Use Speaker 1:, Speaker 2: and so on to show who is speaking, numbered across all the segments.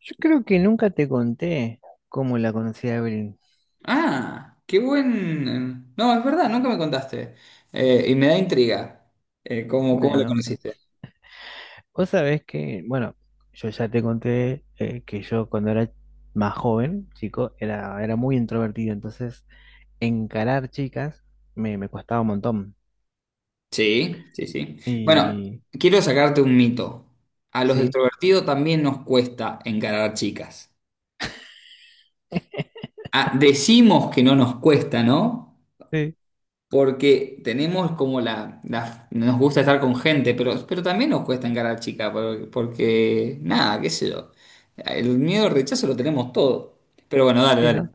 Speaker 1: Yo creo que nunca te conté cómo la conocí a Evelyn.
Speaker 2: Ah, no, es verdad, nunca me contaste. Y me da intriga. ¿Cómo lo
Speaker 1: Bueno,
Speaker 2: conociste?
Speaker 1: vos sabés que, bueno, yo ya te conté que yo cuando era más joven, chico, era muy introvertido, entonces encarar chicas me costaba un montón.
Speaker 2: Sí, sí, sí. Bueno,
Speaker 1: Y
Speaker 2: quiero sacarte un mito. A los
Speaker 1: sí,
Speaker 2: extrovertidos también nos cuesta encarar chicas. Ah, decimos que no nos cuesta, ¿no?
Speaker 1: sí,
Speaker 2: Porque tenemos como nos gusta estar con gente, pero también nos cuesta encarar chicas, porque, nada, qué sé yo. El miedo al rechazo lo tenemos todo. Pero bueno, dale,
Speaker 1: sí,
Speaker 2: dale.
Speaker 1: ¿no?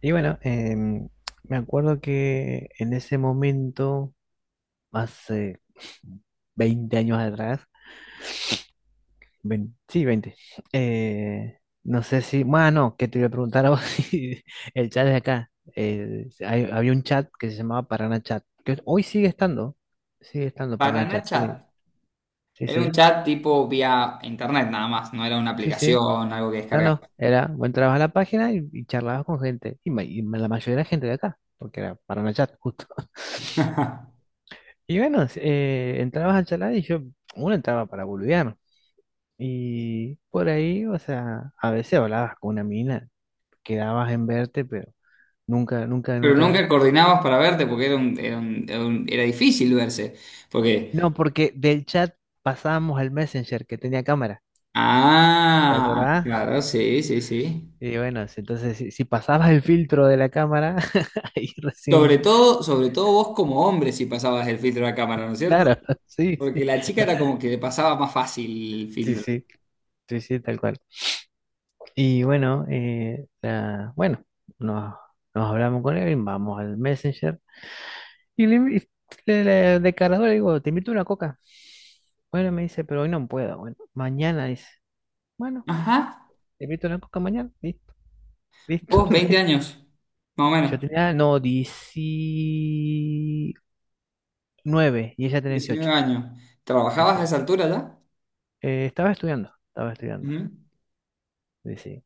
Speaker 1: Y bueno, me acuerdo que en ese momento, hace 20 años atrás. Sí, veinte. Eh, no sé si, bueno, que te iba a preguntar a vos si el chat de acá. Había un chat que se llamaba Parana Chat, que hoy sigue estando
Speaker 2: Para
Speaker 1: Parana Chat.
Speaker 2: Nacha.
Speaker 1: Sí, sí,
Speaker 2: Era un
Speaker 1: sí,
Speaker 2: chat tipo vía internet nada más, no era una
Speaker 1: sí. Sí.
Speaker 2: aplicación, algo que
Speaker 1: No, no,
Speaker 2: descargabas.
Speaker 1: era, vos entrabas a la página y charlabas con gente, y, y la mayoría era gente de acá, porque era Parana Chat, justo. Y bueno, entrabas al chat uno entraba para boludear. Y por ahí, o sea, a veces hablabas con una mina, quedabas en verte, pero nunca, nunca,
Speaker 2: Pero
Speaker 1: nunca.
Speaker 2: nunca coordinabas para verte porque era difícil verse. Porque,
Speaker 1: No, porque del chat pasábamos al Messenger que tenía cámara. ¿Te
Speaker 2: ah,
Speaker 1: acordás?
Speaker 2: claro, sí, sí, sí.
Speaker 1: Y bueno, entonces si pasabas el filtro de la cámara, ahí recién.
Speaker 2: Sobre todo vos como hombre si pasabas el filtro de la cámara, ¿no es cierto?
Speaker 1: Claro, sí,
Speaker 2: Porque
Speaker 1: sí.
Speaker 2: la chica
Speaker 1: No,
Speaker 2: era como que le pasaba más fácil el
Speaker 1: sí,
Speaker 2: filtro.
Speaker 1: sí, sí, sí, tal cual. Y bueno, bueno, nos, nos hablamos con él, vamos al Messenger. Y le, invi- le- le- De cargador le digo, te invito a una coca. Bueno, me dice, pero hoy no puedo. Bueno, mañana dice, bueno,
Speaker 2: Ajá,
Speaker 1: te invito a una coca mañana. Listo, listo.
Speaker 2: vos 20 años, más o
Speaker 1: Yo
Speaker 2: menos,
Speaker 1: tenía, no, 19, y ella tenía
Speaker 2: 19
Speaker 1: 18.
Speaker 2: años. ¿Trabajabas a
Speaker 1: Dice,
Speaker 2: esa altura ya?
Speaker 1: estaba estudiando.
Speaker 2: Ujú.
Speaker 1: Dice,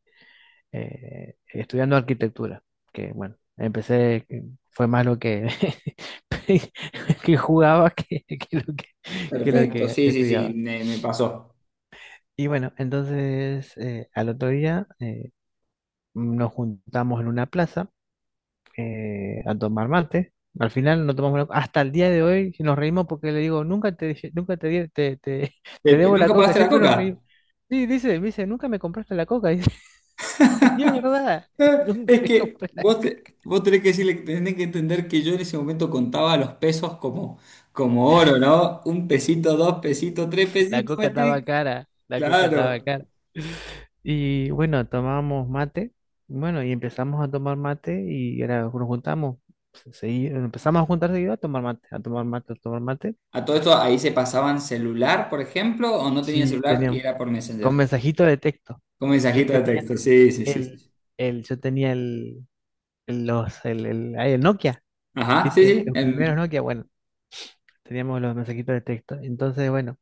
Speaker 1: estudiando arquitectura, que bueno, empecé, fue más que jugaba que lo
Speaker 2: Perfecto,
Speaker 1: que
Speaker 2: sí, sí, sí,
Speaker 1: estudiaba.
Speaker 2: me pasó.
Speaker 1: Y bueno, entonces al otro día nos juntamos en una plaza, a tomar mate. Al final no tomamos la... Hasta el día de hoy nos reímos porque le digo, nunca te, te debo la
Speaker 2: ¿Nunca
Speaker 1: coca,
Speaker 2: pagaste la
Speaker 1: siempre nos reímos.
Speaker 2: coca?
Speaker 1: Sí, dice, me dice, nunca me compraste la coca. Dice, y es verdad,
Speaker 2: Eh,
Speaker 1: nunca
Speaker 2: Es
Speaker 1: le
Speaker 2: que
Speaker 1: compré la coca.
Speaker 2: vos tenés que decirle, tenés que entender que yo en ese momento contaba los pesos como, oro, ¿no? Un pesito, dos pesitos, tres
Speaker 1: La
Speaker 2: pesitos,
Speaker 1: coca estaba
Speaker 2: metí.
Speaker 1: cara, la coca estaba
Speaker 2: Claro.
Speaker 1: cara. Y bueno, tomábamos mate, bueno, y empezamos a tomar mate y era, nos juntamos, empezamos a juntar seguido a tomar mate, a tomar mate, a tomar mate.
Speaker 2: A todo esto ahí se pasaban celular, por ejemplo, o no tenían
Speaker 1: Sí,
Speaker 2: celular y
Speaker 1: teníamos.
Speaker 2: era por
Speaker 1: Con
Speaker 2: Messenger.
Speaker 1: mensajito de texto.
Speaker 2: Con
Speaker 1: Yo
Speaker 2: mensajito de
Speaker 1: tenía
Speaker 2: texto, sí, sí, sí,
Speaker 1: el,
Speaker 2: sí.
Speaker 1: el, yo tenía el- los, el, ay, el Nokia,
Speaker 2: Ajá, sí,
Speaker 1: ¿viste?
Speaker 2: sí.
Speaker 1: Los primeros Nokia, bueno, teníamos los mensajitos de texto. Entonces, bueno,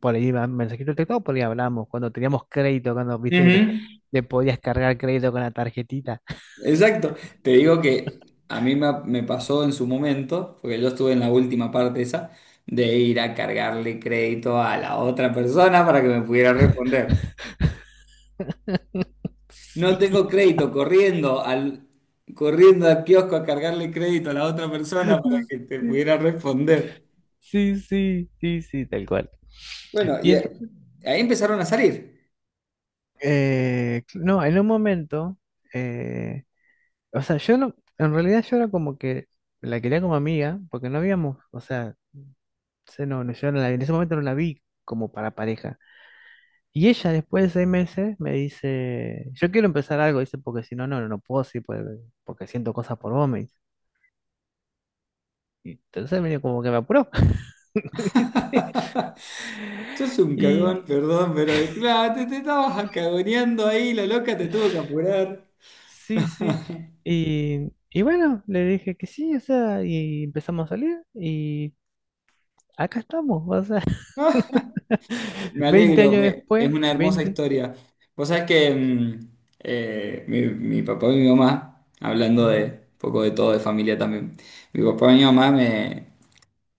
Speaker 1: por ahí iba mensajito de texto, o por ahí hablábamos. Cuando teníamos crédito, cuando viste que le,
Speaker 2: Ujú.
Speaker 1: le podías cargar crédito con la tarjetita.
Speaker 2: Exacto. Te digo que a mí me pasó en su momento, porque yo estuve en la última parte esa, de ir a cargarle crédito a la otra persona para que me pudiera responder. No tengo crédito, corriendo al kiosco a cargarle crédito a la otra persona para que te pudiera responder.
Speaker 1: Sí, sí, sí, sí, sí, tal cual.
Speaker 2: Bueno,
Speaker 1: Y
Speaker 2: y
Speaker 1: entonces,
Speaker 2: ahí empezaron a salir.
Speaker 1: no, en un momento, eh, o sea, yo no, en realidad yo era como que la quería como amiga, porque no habíamos, o sea, se no, no, yo no la- en ese momento no la vi como para pareja. Y ella después de 6 meses me dice, yo quiero empezar algo, dice, porque si no, no puedo, sí, porque siento cosas por vos, me dice. Y entonces medio como que me apuró, ¿viste?
Speaker 2: Sos un cagón,
Speaker 1: Y
Speaker 2: perdón, pero claro, te estabas cagoneando ahí, la loca te tuvo que apurar.
Speaker 1: sí, sí. Y bueno, le dije que sí, o sea, y empezamos a salir y acá estamos, o sea.
Speaker 2: No. Me
Speaker 1: 20
Speaker 2: alegro,
Speaker 1: años
Speaker 2: es
Speaker 1: después,
Speaker 2: una hermosa
Speaker 1: 20,
Speaker 2: historia. Vos sabés que mi papá y mi mamá, hablando de
Speaker 1: ujú,
Speaker 2: un poco de todo, de familia también, mi papá y mi mamá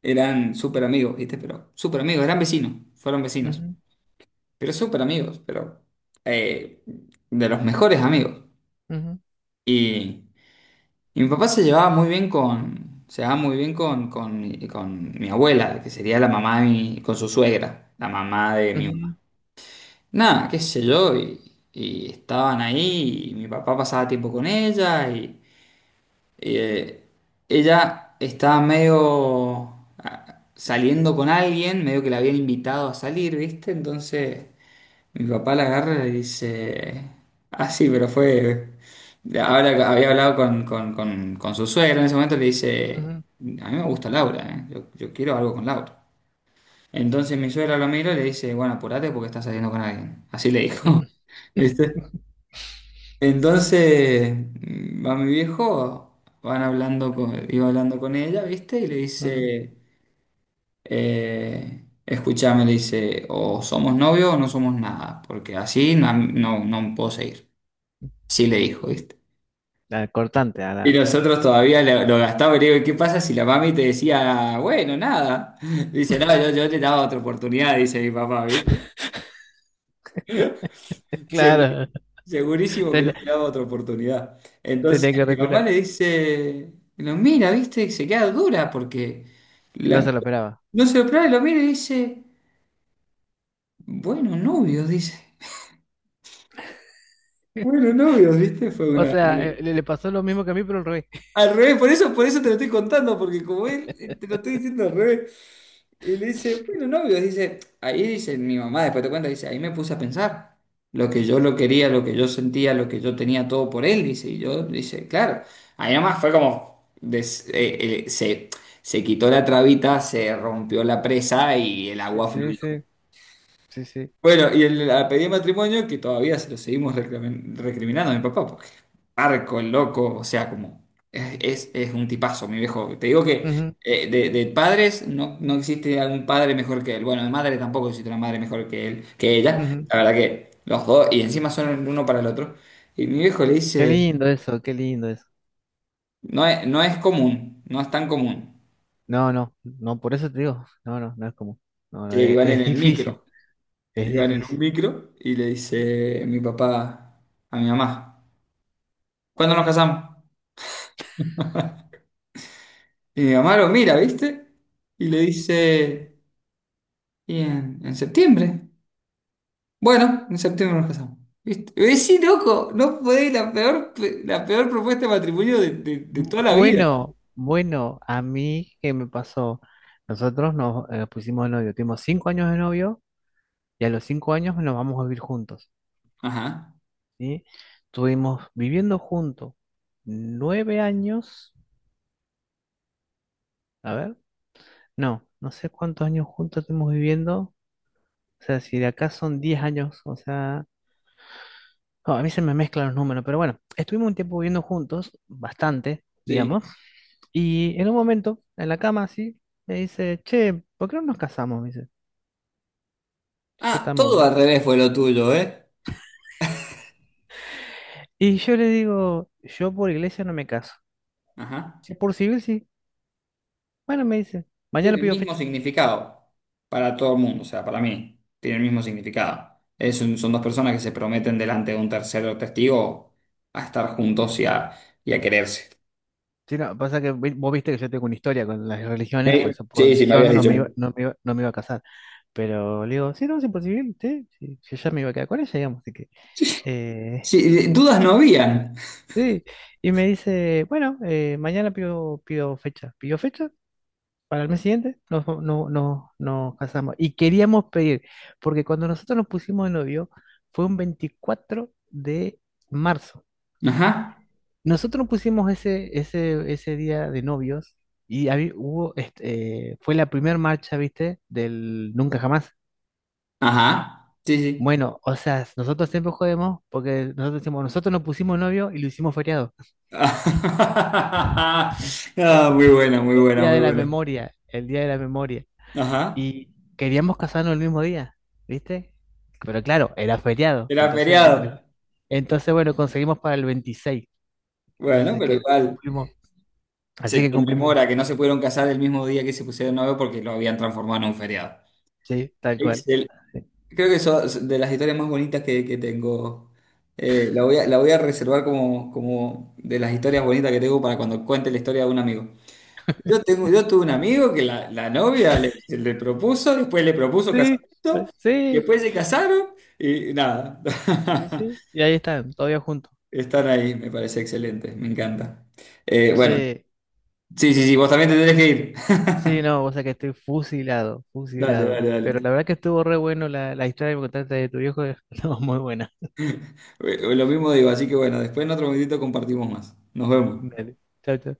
Speaker 2: eran súper amigos, ¿viste? Pero súper amigos, eran vecinos, fueron vecinos,
Speaker 1: ujú,
Speaker 2: pero súper amigos, pero eh, de los mejores amigos.
Speaker 1: ujú,
Speaker 2: Y, y mi papá se llevaba muy bien con mi abuela, que sería la mamá con su suegra, la mamá de mi mamá.
Speaker 1: ujú,
Speaker 2: Nada, qué sé yo, y estaban ahí, y mi papá pasaba tiempo con ella, y, eh, ella estaba medio saliendo con alguien, medio que la habían invitado a salir, ¿viste? Entonces mi papá la agarra y le dice, ah, sí, pero fue, ahora que había hablado con, con su suegra en ese momento, le dice,
Speaker 1: ujú,
Speaker 2: a mí me gusta Laura, ¿eh? Yo quiero algo con Laura. Entonces mi suegra lo mira y le dice, bueno, apurate porque estás saliendo con alguien. Así le dijo.
Speaker 1: ujú,
Speaker 2: ¿Viste? Entonces va mi viejo, iba hablando con ella, ¿viste? Y le
Speaker 1: ujú.
Speaker 2: dice, escúchame, le dice, o somos novios o no somos nada, porque así no, no puedo seguir. Así le dijo, ¿viste?
Speaker 1: Ah, cortante, ah,
Speaker 2: Y
Speaker 1: la...
Speaker 2: nosotros todavía lo gastamos y le digo, ¿qué pasa si la mami te decía, bueno, nada? Dice, no, yo le daba otra oportunidad, dice mi papá, ¿viste?
Speaker 1: Claro,
Speaker 2: Segurísimo que yo
Speaker 1: ten-
Speaker 2: le daba otra oportunidad. Entonces
Speaker 1: tenía que
Speaker 2: mi mamá
Speaker 1: recular.
Speaker 2: le dice, lo mira, ¿viste? Y se queda dura porque
Speaker 1: No
Speaker 2: la-
Speaker 1: se lo esperaba.
Speaker 2: no se lo prueba, y lo mira y dice. Bueno, novios, ¿viste?
Speaker 1: O sea, le pasó lo mismo que a mí, pero al revés.
Speaker 2: Al revés, por eso te lo estoy contando, porque como él, te lo estoy diciendo al revés. Y le dice, bueno, novios, dice, ahí dice mi mamá, después te cuenta, dice, ahí me puse a pensar lo que yo lo quería, lo que yo sentía, lo que yo tenía todo por él, dice, y yo, dice, claro, ahí nomás fue como, se quitó la trabita, se rompió la presa y el
Speaker 1: Sí,
Speaker 2: agua
Speaker 1: sí,
Speaker 2: fluyó.
Speaker 1: sí, sí, sí.
Speaker 2: Bueno, y la pedida de matrimonio que todavía se lo seguimos recriminando a mi papá, porque arco, el loco, o sea, como es, un tipazo, mi viejo. Te digo que
Speaker 1: Ujú,
Speaker 2: de padres no existe algún padre mejor que él. Bueno, de madre tampoco existe una madre mejor que él, que ella.
Speaker 1: ujú.
Speaker 2: La verdad que los dos, y encima son el uno para el otro. Y mi viejo le
Speaker 1: Qué
Speaker 2: dice,
Speaker 1: lindo eso, qué lindo eso.
Speaker 2: no es común, no es tan común.
Speaker 1: No, no, no, por eso te digo, no, no, no es común, no,
Speaker 2: Que
Speaker 1: no,
Speaker 2: iban en
Speaker 1: es
Speaker 2: el
Speaker 1: difícil,
Speaker 2: micro,
Speaker 1: es
Speaker 2: iban en un
Speaker 1: difícil.
Speaker 2: micro y le dice mi papá a mi mamá, ¿cuándo nos casamos? Y mi mamá lo mira, ¿viste? Y le dice, ¿y en septiembre? Bueno, en septiembre nos casamos. ¿Viste? Y dice, sí, loco, no fue la peor, la peor propuesta de matrimonio de toda la vida.
Speaker 1: Bueno, bueno, a mí, ¿qué me pasó? Nosotros nos pusimos de novio, tuvimos 5 años de novio y a los 5 años nos vamos a vivir juntos,
Speaker 2: Ajá,
Speaker 1: ¿sí? Estuvimos viviendo juntos 9 años, a ver, no, no sé cuántos años juntos estuvimos viviendo, o sea, si de acá son 10 años, o sea, no, a mí se me mezclan los números, pero bueno, estuvimos un tiempo viviendo juntos, bastante,
Speaker 2: sí.
Speaker 1: digamos, y en un momento, en la cama, así, me dice, che, ¿por qué no nos casamos? Se
Speaker 2: Ah,
Speaker 1: tamó.
Speaker 2: todo al revés fue lo tuyo, ¿eh?
Speaker 1: Y yo le digo, yo por iglesia no me caso.
Speaker 2: Ajá.
Speaker 1: Si por civil sí. Bueno, me dice, mañana
Speaker 2: Tiene el
Speaker 1: pido
Speaker 2: mismo
Speaker 1: fecha.
Speaker 2: significado para todo el mundo, o sea, para mí, tiene el mismo significado. Son dos personas que se prometen delante de un tercero testigo a estar juntos y a, quererse.
Speaker 1: Sí, no, pasa que vos viste que yo tengo una historia con las religiones, por eso por
Speaker 2: Sí, sí, me
Speaker 1: religión
Speaker 2: habías
Speaker 1: no
Speaker 2: dicho.
Speaker 1: me iba, no me iba, no me iba a casar. Pero le digo, sí, no, sí, por civil, sí, sí, yo ya me iba a quedar con ella, digamos, así que eh,
Speaker 2: Sí, dudas no habían.
Speaker 1: sí. Y me dice, bueno, mañana pido fecha. ¿Pidió fecha? Para el mes siguiente nos, no, no, nos casamos. Y queríamos pedir, porque cuando nosotros nos pusimos de novio fue un 24 de marzo.
Speaker 2: Ajá,
Speaker 1: Nosotros nos pusimos ese día de novios y hubo, este, fue la primera marcha, ¿viste? Del Nunca Jamás.
Speaker 2: ajá, sí, sí.
Speaker 1: Bueno, o sea, nosotros siempre jodemos porque nosotros decimos, nosotros nos pusimos novio y lo hicimos feriado.
Speaker 2: Ah,
Speaker 1: El,
Speaker 2: muy buena, muy
Speaker 1: el
Speaker 2: buena,
Speaker 1: día de
Speaker 2: muy
Speaker 1: la
Speaker 2: buena.
Speaker 1: memoria, el día de la memoria.
Speaker 2: Ajá,
Speaker 1: Y queríamos casarnos el mismo día, ¿viste? Pero claro, era feriado.
Speaker 2: era
Speaker 1: Entonces, el- el-
Speaker 2: feriado.
Speaker 1: entonces bueno, conseguimos para el 26.
Speaker 2: Bueno,
Speaker 1: Entonces,
Speaker 2: pero
Speaker 1: que
Speaker 2: igual
Speaker 1: cumplimos. Así
Speaker 2: se
Speaker 1: que cumplimos.
Speaker 2: conmemora que no se pudieron casar el mismo día que se pusieron novio porque lo habían transformado en un feriado.
Speaker 1: Sí, tal cual.
Speaker 2: Excel.
Speaker 1: Sí,
Speaker 2: Creo que eso es de las historias más bonitas que tengo. La voy a reservar como de las historias bonitas que tengo para cuando cuente la historia de un amigo. Yo tengo, yo tuve un amigo que la novia le propuso, después le propuso
Speaker 1: sí,
Speaker 2: casamiento, y
Speaker 1: sí.
Speaker 2: después se casaron y nada.
Speaker 1: Sí. Y ahí están, todavía juntos.
Speaker 2: Están ahí, me parece excelente, me encanta. Bueno,
Speaker 1: Sí,
Speaker 2: sí, sí, sí, vos también te tenés que ir.
Speaker 1: sí, no, o sea que estoy fusilado,
Speaker 2: Dale,
Speaker 1: fusilado.
Speaker 2: dale, dale.
Speaker 1: Pero la verdad que estuvo re bueno la historia que me contaste de tu viejo. No, muy buena.
Speaker 2: Lo mismo digo, así que bueno, después en otro momentito compartimos más. Nos vemos.
Speaker 1: Dale, chao, chao.